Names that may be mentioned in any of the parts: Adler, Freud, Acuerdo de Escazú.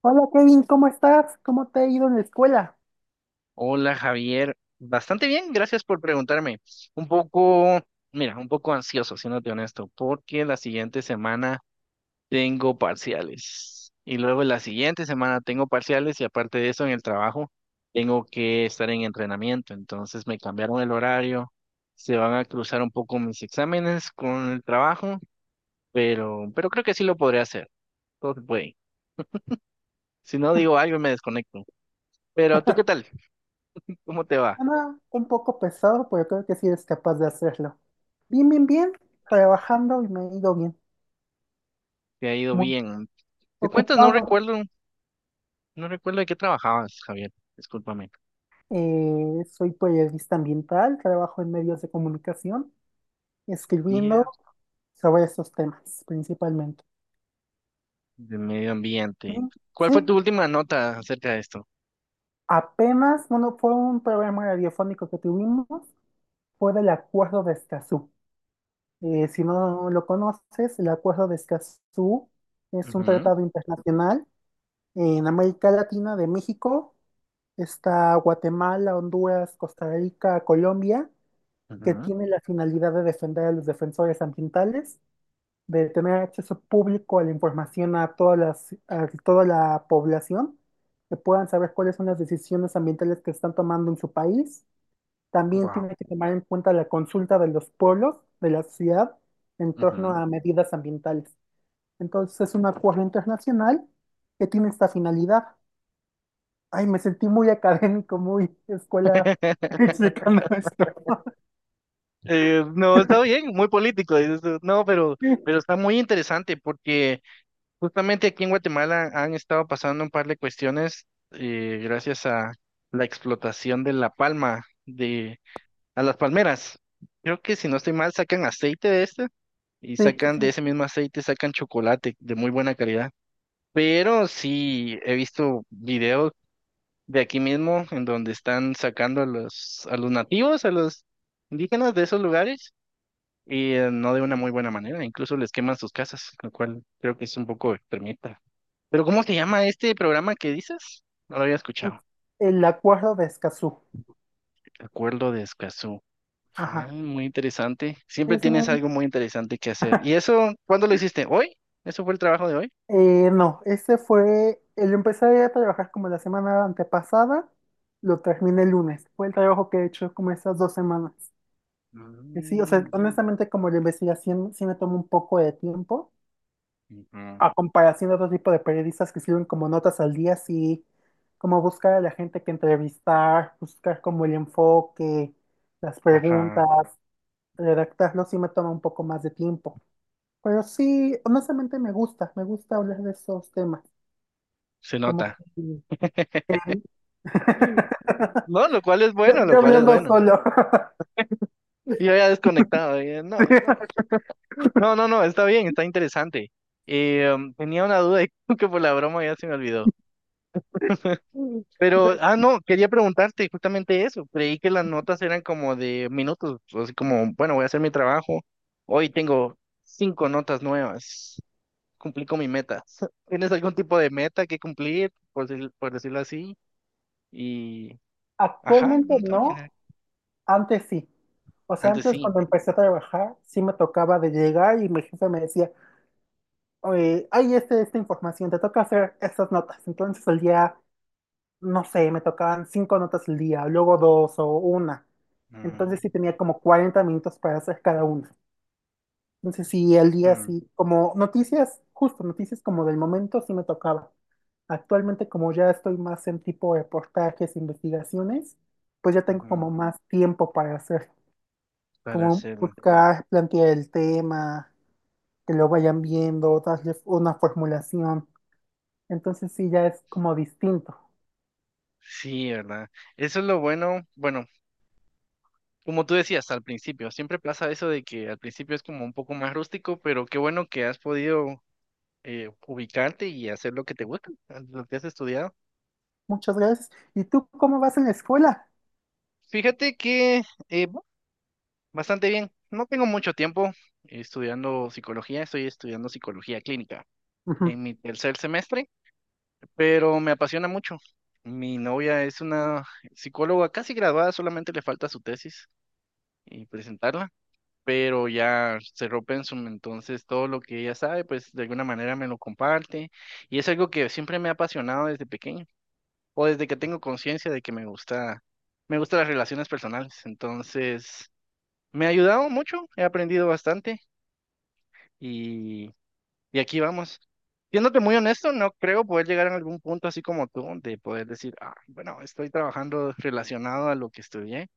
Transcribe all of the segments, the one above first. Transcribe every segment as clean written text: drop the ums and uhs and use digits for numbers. Hola Kevin, ¿cómo estás? ¿Cómo te ha ido en la escuela? Hola Javier, bastante bien, gracias por preguntarme. Un poco, mira, un poco ansioso, siéndote honesto, porque la siguiente semana tengo parciales y luego la siguiente semana tengo parciales y aparte de eso en el trabajo tengo que estar en entrenamiento, entonces me cambiaron el horario, se van a cruzar un poco mis exámenes con el trabajo, pero creo que sí lo podré hacer, todo se puede. Si no digo algo me desconecto. Pero ¿tú qué tal? ¿Cómo te va? Nada, un poco pesado, pero creo que sí eres capaz de hacerlo. Bien, bien, bien, trabajando y me ha ido bien. ¿Te ha ido Muy bien? ¿Te cuentas? No ocupado. recuerdo, no recuerdo de qué trabajabas, Javier. Discúlpame. Soy periodista ambiental, trabajo en medios de comunicación, escribiendo Guía sobre esos temas principalmente. de medio ambiente. Sí, ¿Cuál fue sí, tu última nota acerca de esto? apenas, bueno, fue un programa radiofónico que tuvimos, fue del Acuerdo de Escazú. Si no lo conoces, el Acuerdo de Escazú es un Ujú. tratado internacional en América Latina de México. Está Guatemala, Honduras, Costa Rica, Colombia, que Ujú. tiene la finalidad de defender a los defensores ambientales, de tener acceso público a la información a todas las- a toda la población, que puedan saber cuáles son las decisiones ambientales que están tomando en su país. También Wow. tiene que tomar en cuenta la consulta de los pueblos de la ciudad en torno Ujú. a medidas ambientales. Entonces es un acuerdo internacional que tiene esta finalidad. Ay, me sentí muy académico, muy escuela explicando esto. No, está bien, muy político, dices tú. No, pero está muy interesante porque justamente aquí en Guatemala han estado pasando un par de cuestiones gracias a la explotación de la palma, de, a las palmeras. Creo que si no estoy mal, sacan aceite de este y Sí, sí, sacan sí. de ese mismo aceite, sacan chocolate de muy buena calidad. Pero sí he visto videos de aquí mismo en donde están sacando a los nativos, a los indígenas de esos lugares y no de una muy buena manera, incluso les queman sus casas, lo cual creo que es un poco extremista. Pero ¿cómo se llama este programa que dices? No lo había Es escuchado. el acuerdo de Escazú. Acuerdo de Escazú. Ah, Ajá. muy interesante. Siempre Es tienes muy... algo muy interesante que hacer. ¿Y eso cuándo lo hiciste? ¿Hoy? ¿Eso fue el trabajo de hoy? No, ese fue... El empecé a trabajar como la semana antepasada, lo terminé el lunes. Fue el trabajo que he hecho como esas 2 semanas. Sí, o sea, Mm, ya. honestamente como la investigación sí me toma un poco de tiempo, Ujú. a comparación de otro tipo de periodistas que escriben como notas al día, sí, como buscar a la gente que entrevistar, buscar como el enfoque, las preguntas, Ajá, redactarlo sí me toma un poco más de tiempo. Pero sí, honestamente me gusta hablar de esos temas, se como nota. que... Mm. No, lo cual es Yo, bueno, lo yo cual es hablando bueno. solo. Yo ya desconectado, ya no. No, no, no, está bien, está interesante. Tenía una duda y creo que por la broma ya se me olvidó. Mm. Sí. Pero, ah, no, quería preguntarte justamente eso. Creí que las notas eran como de minutos, así como, bueno, voy a hacer mi trabajo. Hoy tengo cinco notas nuevas. Cumplí con mi meta. ¿Tienes algún tipo de meta que cumplir, por, decir- por decirlo así? Y, ajá, Actualmente no te imaginas. no. Antes sí. O sea, Antes antes sí. cuando empecé a trabajar, sí me tocaba de llegar y mi jefe me decía, oye, hay este, esta información, te toca hacer estas notas. Entonces el día, no sé, me tocaban cinco notas al día, luego dos o una. Ujú. Entonces sí tenía como 40 minutos para hacer cada una. Entonces sí, el día Mm, sí, como noticias, justo noticias como del momento sí me tocaba. Actualmente como ya estoy más en tipo reportajes, investigaciones, pues ya tengo como ujú. más tiempo para hacer, Para como hacerlo. buscar, plantear el tema, que lo vayan viendo, darle una formulación. Entonces sí, ya es como distinto. Sí, ¿verdad? Eso es lo bueno. Bueno, como tú decías al principio, siempre pasa eso de que al principio es como un poco más rústico, pero qué bueno que has podido ubicarte y hacer lo que te gusta, lo que has estudiado. Muchas gracias. ¿Y tú cómo vas en la escuela? Fíjate que eh, bu- bastante bien. No tengo mucho tiempo estudiando psicología, estoy estudiando psicología clínica Ujú. en mi tercer semestre. Pero me apasiona mucho. Mi novia es una psicóloga casi graduada, solamente le falta su tesis y presentarla, pero ya cerró Pensum, entonces todo lo que ella sabe, pues de alguna manera me lo comparte y es algo que siempre me ha apasionado desde pequeño o desde que tengo conciencia de que me gusta, me gustan las relaciones personales, entonces me ha ayudado mucho, he aprendido bastante. Y aquí vamos. Siéndote muy honesto, no creo poder llegar a algún punto así como tú, de poder decir, ah, bueno, estoy trabajando relacionado a lo que estudié,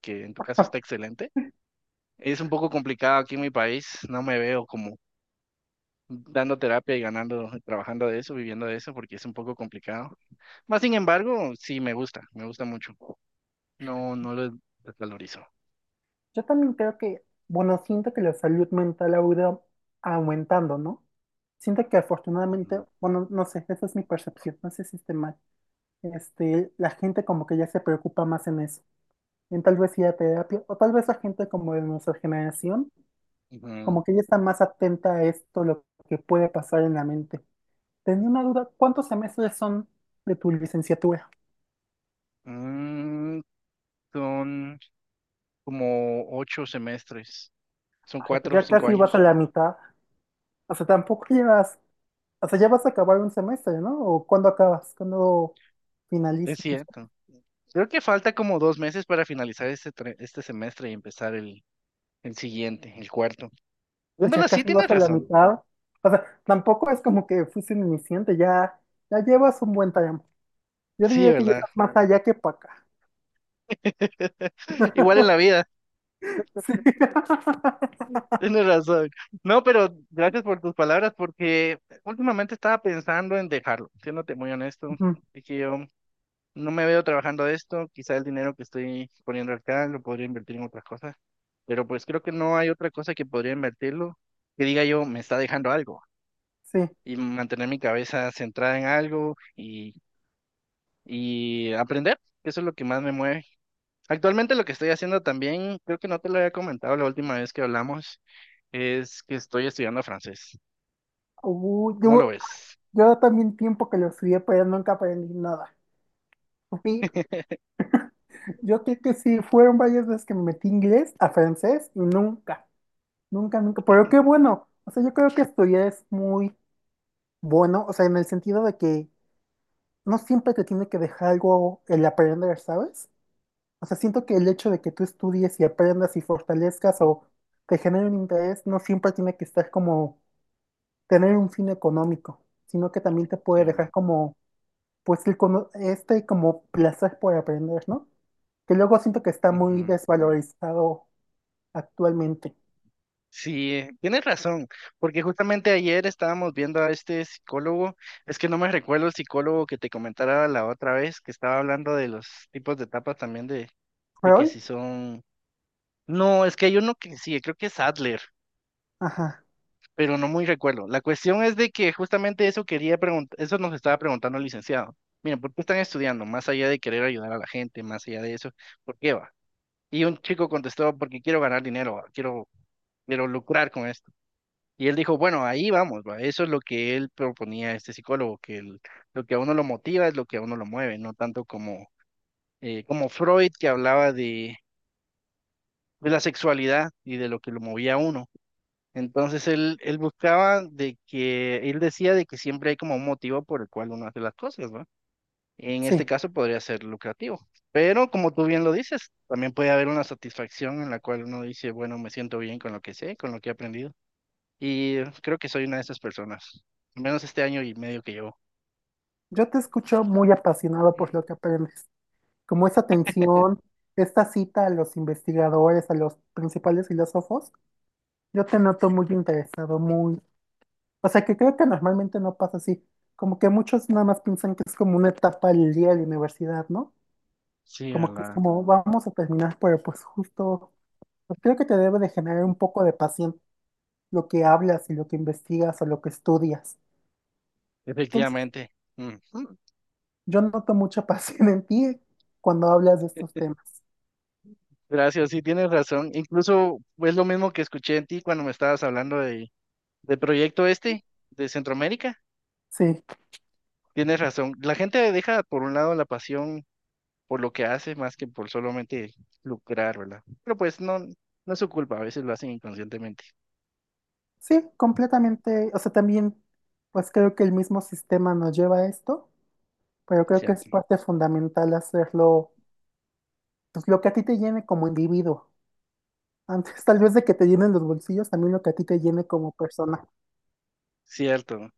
que en tu caso está excelente. Es un poco complicado aquí en mi país, no me veo como dando terapia y ganando, trabajando de eso, viviendo de eso, porque es un poco complicado. Más sin embargo, sí me gusta mucho. No, no lo desvalorizo. Yo también creo que, bueno, siento que la salud mental ha ido aumentando, ¿no? Siento que afortunadamente, Ujú. bueno, no sé, esa es mi percepción, no sé si esté mal. Este, la gente como que ya se preocupa más en eso, en tal vez ir a terapia, o tal vez la gente como de nuestra generación, Ujú. como que ya está más atenta a esto, lo que puede pasar en la mente. Tenía una duda, ¿cuántos semestres son de tu licenciatura? Mm, son como ocho semestres, son Ay, pero cuatro o ya cinco casi vas a años. la mitad, o sea, tampoco llevas. O sea, ya vas a acabar un semestre, ¿no? ¿O cuándo acabas? ¿Cuándo Es finaliza tu... estudio? cierto. Creo que falta como dos meses para finalizar este, este semestre y empezar el siguiente, el cuarto. Bueno, en Pues ya verdad, sí casi vas tienes a la razón. mitad. O sea, tampoco es como que fuiste un iniciante, ya, ya llevas un buen tiempo. Yo Sí, diría que ya ¿verdad? estás más allá que para acá. Igual en la vida, Sí. tienes razón. No, pero gracias por tus palabras porque últimamente estaba pensando en dejarlo, siéndote muy honesto. Ujú, Es que yo no me veo trabajando de esto, quizá el dinero que estoy poniendo acá lo podría invertir en otras cosas, pero pues creo que no hay otra cosa que podría invertirlo que diga yo, me está dejando algo. sí. Y mantener mi cabeza centrada en algo y aprender. Eso es lo que más me mueve. Actualmente lo que estoy haciendo también, creo que no te lo había comentado la última vez que hablamos, es que estoy estudiando francés. Uy, ¿Cómo lo yo, ves? yo también tiempo que lo estudié, pero nunca aprendí nada. Sí, yo creo que sí, fueron varias veces que me metí inglés a francés y nunca, nunca, nunca. Pero qué bueno. O sea, yo creo que estudiar es muy... Bueno, o sea, en el sentido de que no siempre te tiene que dejar algo el aprender, ¿sabes? O sea, siento que el hecho de que tú estudies y aprendas y fortalezcas Mm. o te genere un interés no siempre tiene que estar como tener un fin económico, sino que también te Sí, puede dejar ¿verdad? como, pues, el cono-, este, como placer por aprender, ¿no? Que luego siento que está muy Ujú. desvalorizado actualmente. Sí, tienes razón, porque justamente ayer estábamos viendo a este psicólogo, es que no me recuerdo el psicólogo que te comentaba la otra vez, que estaba hablando de los tipos de etapas también de que Freud, si son... No, es que hay uno que sí, creo que es Adler, ajá, pero no muy recuerdo. La cuestión es de que justamente eso quería preguntar, eso nos estaba preguntando el licenciado. Miren, ¿por qué están estudiando? Más allá de querer ayudar a la gente, más allá de eso, ¿por qué va? Y un chico contestó, porque quiero ganar dinero, va, quiero, quiero lucrar con esto. Y él dijo, bueno, ahí vamos, va. Eso es lo que él proponía a este psicólogo, que lo que a uno lo motiva es lo que a uno lo mueve, no tanto como, como Freud que hablaba de la sexualidad y de lo que lo movía a uno. Entonces él buscaba de que, él decía de que siempre hay como un motivo por el cual uno hace las cosas, ¿no? En este sí. caso podría ser lucrativo, pero como tú bien lo dices, también puede haber una satisfacción en la cual uno dice, bueno, me siento bien con lo que sé, con lo que he aprendido. Y creo que soy una de esas personas, al menos este año y medio que llevo. Yo te escucho muy apasionado por lo que aprendes, como esa tensión, esta cita a los investigadores, a los principales filósofos. Yo te noto muy interesado, muy... O sea, que creo que normalmente no pasa así. Como que muchos nada más piensan que es como una etapa del día de la universidad, ¿no? Sí, a Como que es la... como, vamos a terminar, pero pues justo, pues creo que te debe de generar un poco de pasión lo que hablas y lo que investigas o lo que estudias. Entonces, Efectivamente. Ujú. yo noto mucha pasión en ti cuando hablas de estos temas. Gracias, sí, tienes razón. Incluso es lo mismo que escuché en ti cuando me estabas hablando de, del proyecto este de Centroamérica. Sí. Tienes razón. La gente deja por un lado la pasión por lo que hace más que por solamente lucrar, ¿verdad? Pero pues no, no es su culpa, a veces lo hacen inconscientemente, Sí, completamente. O sea, también, pues creo que el mismo sistema nos lleva a esto, pero creo que es ¿cierto? parte fundamental hacerlo, pues lo que a ti te llene como individuo. Antes, tal vez de que te llenen los bolsillos, también lo que a ti te llene como persona. Cierto.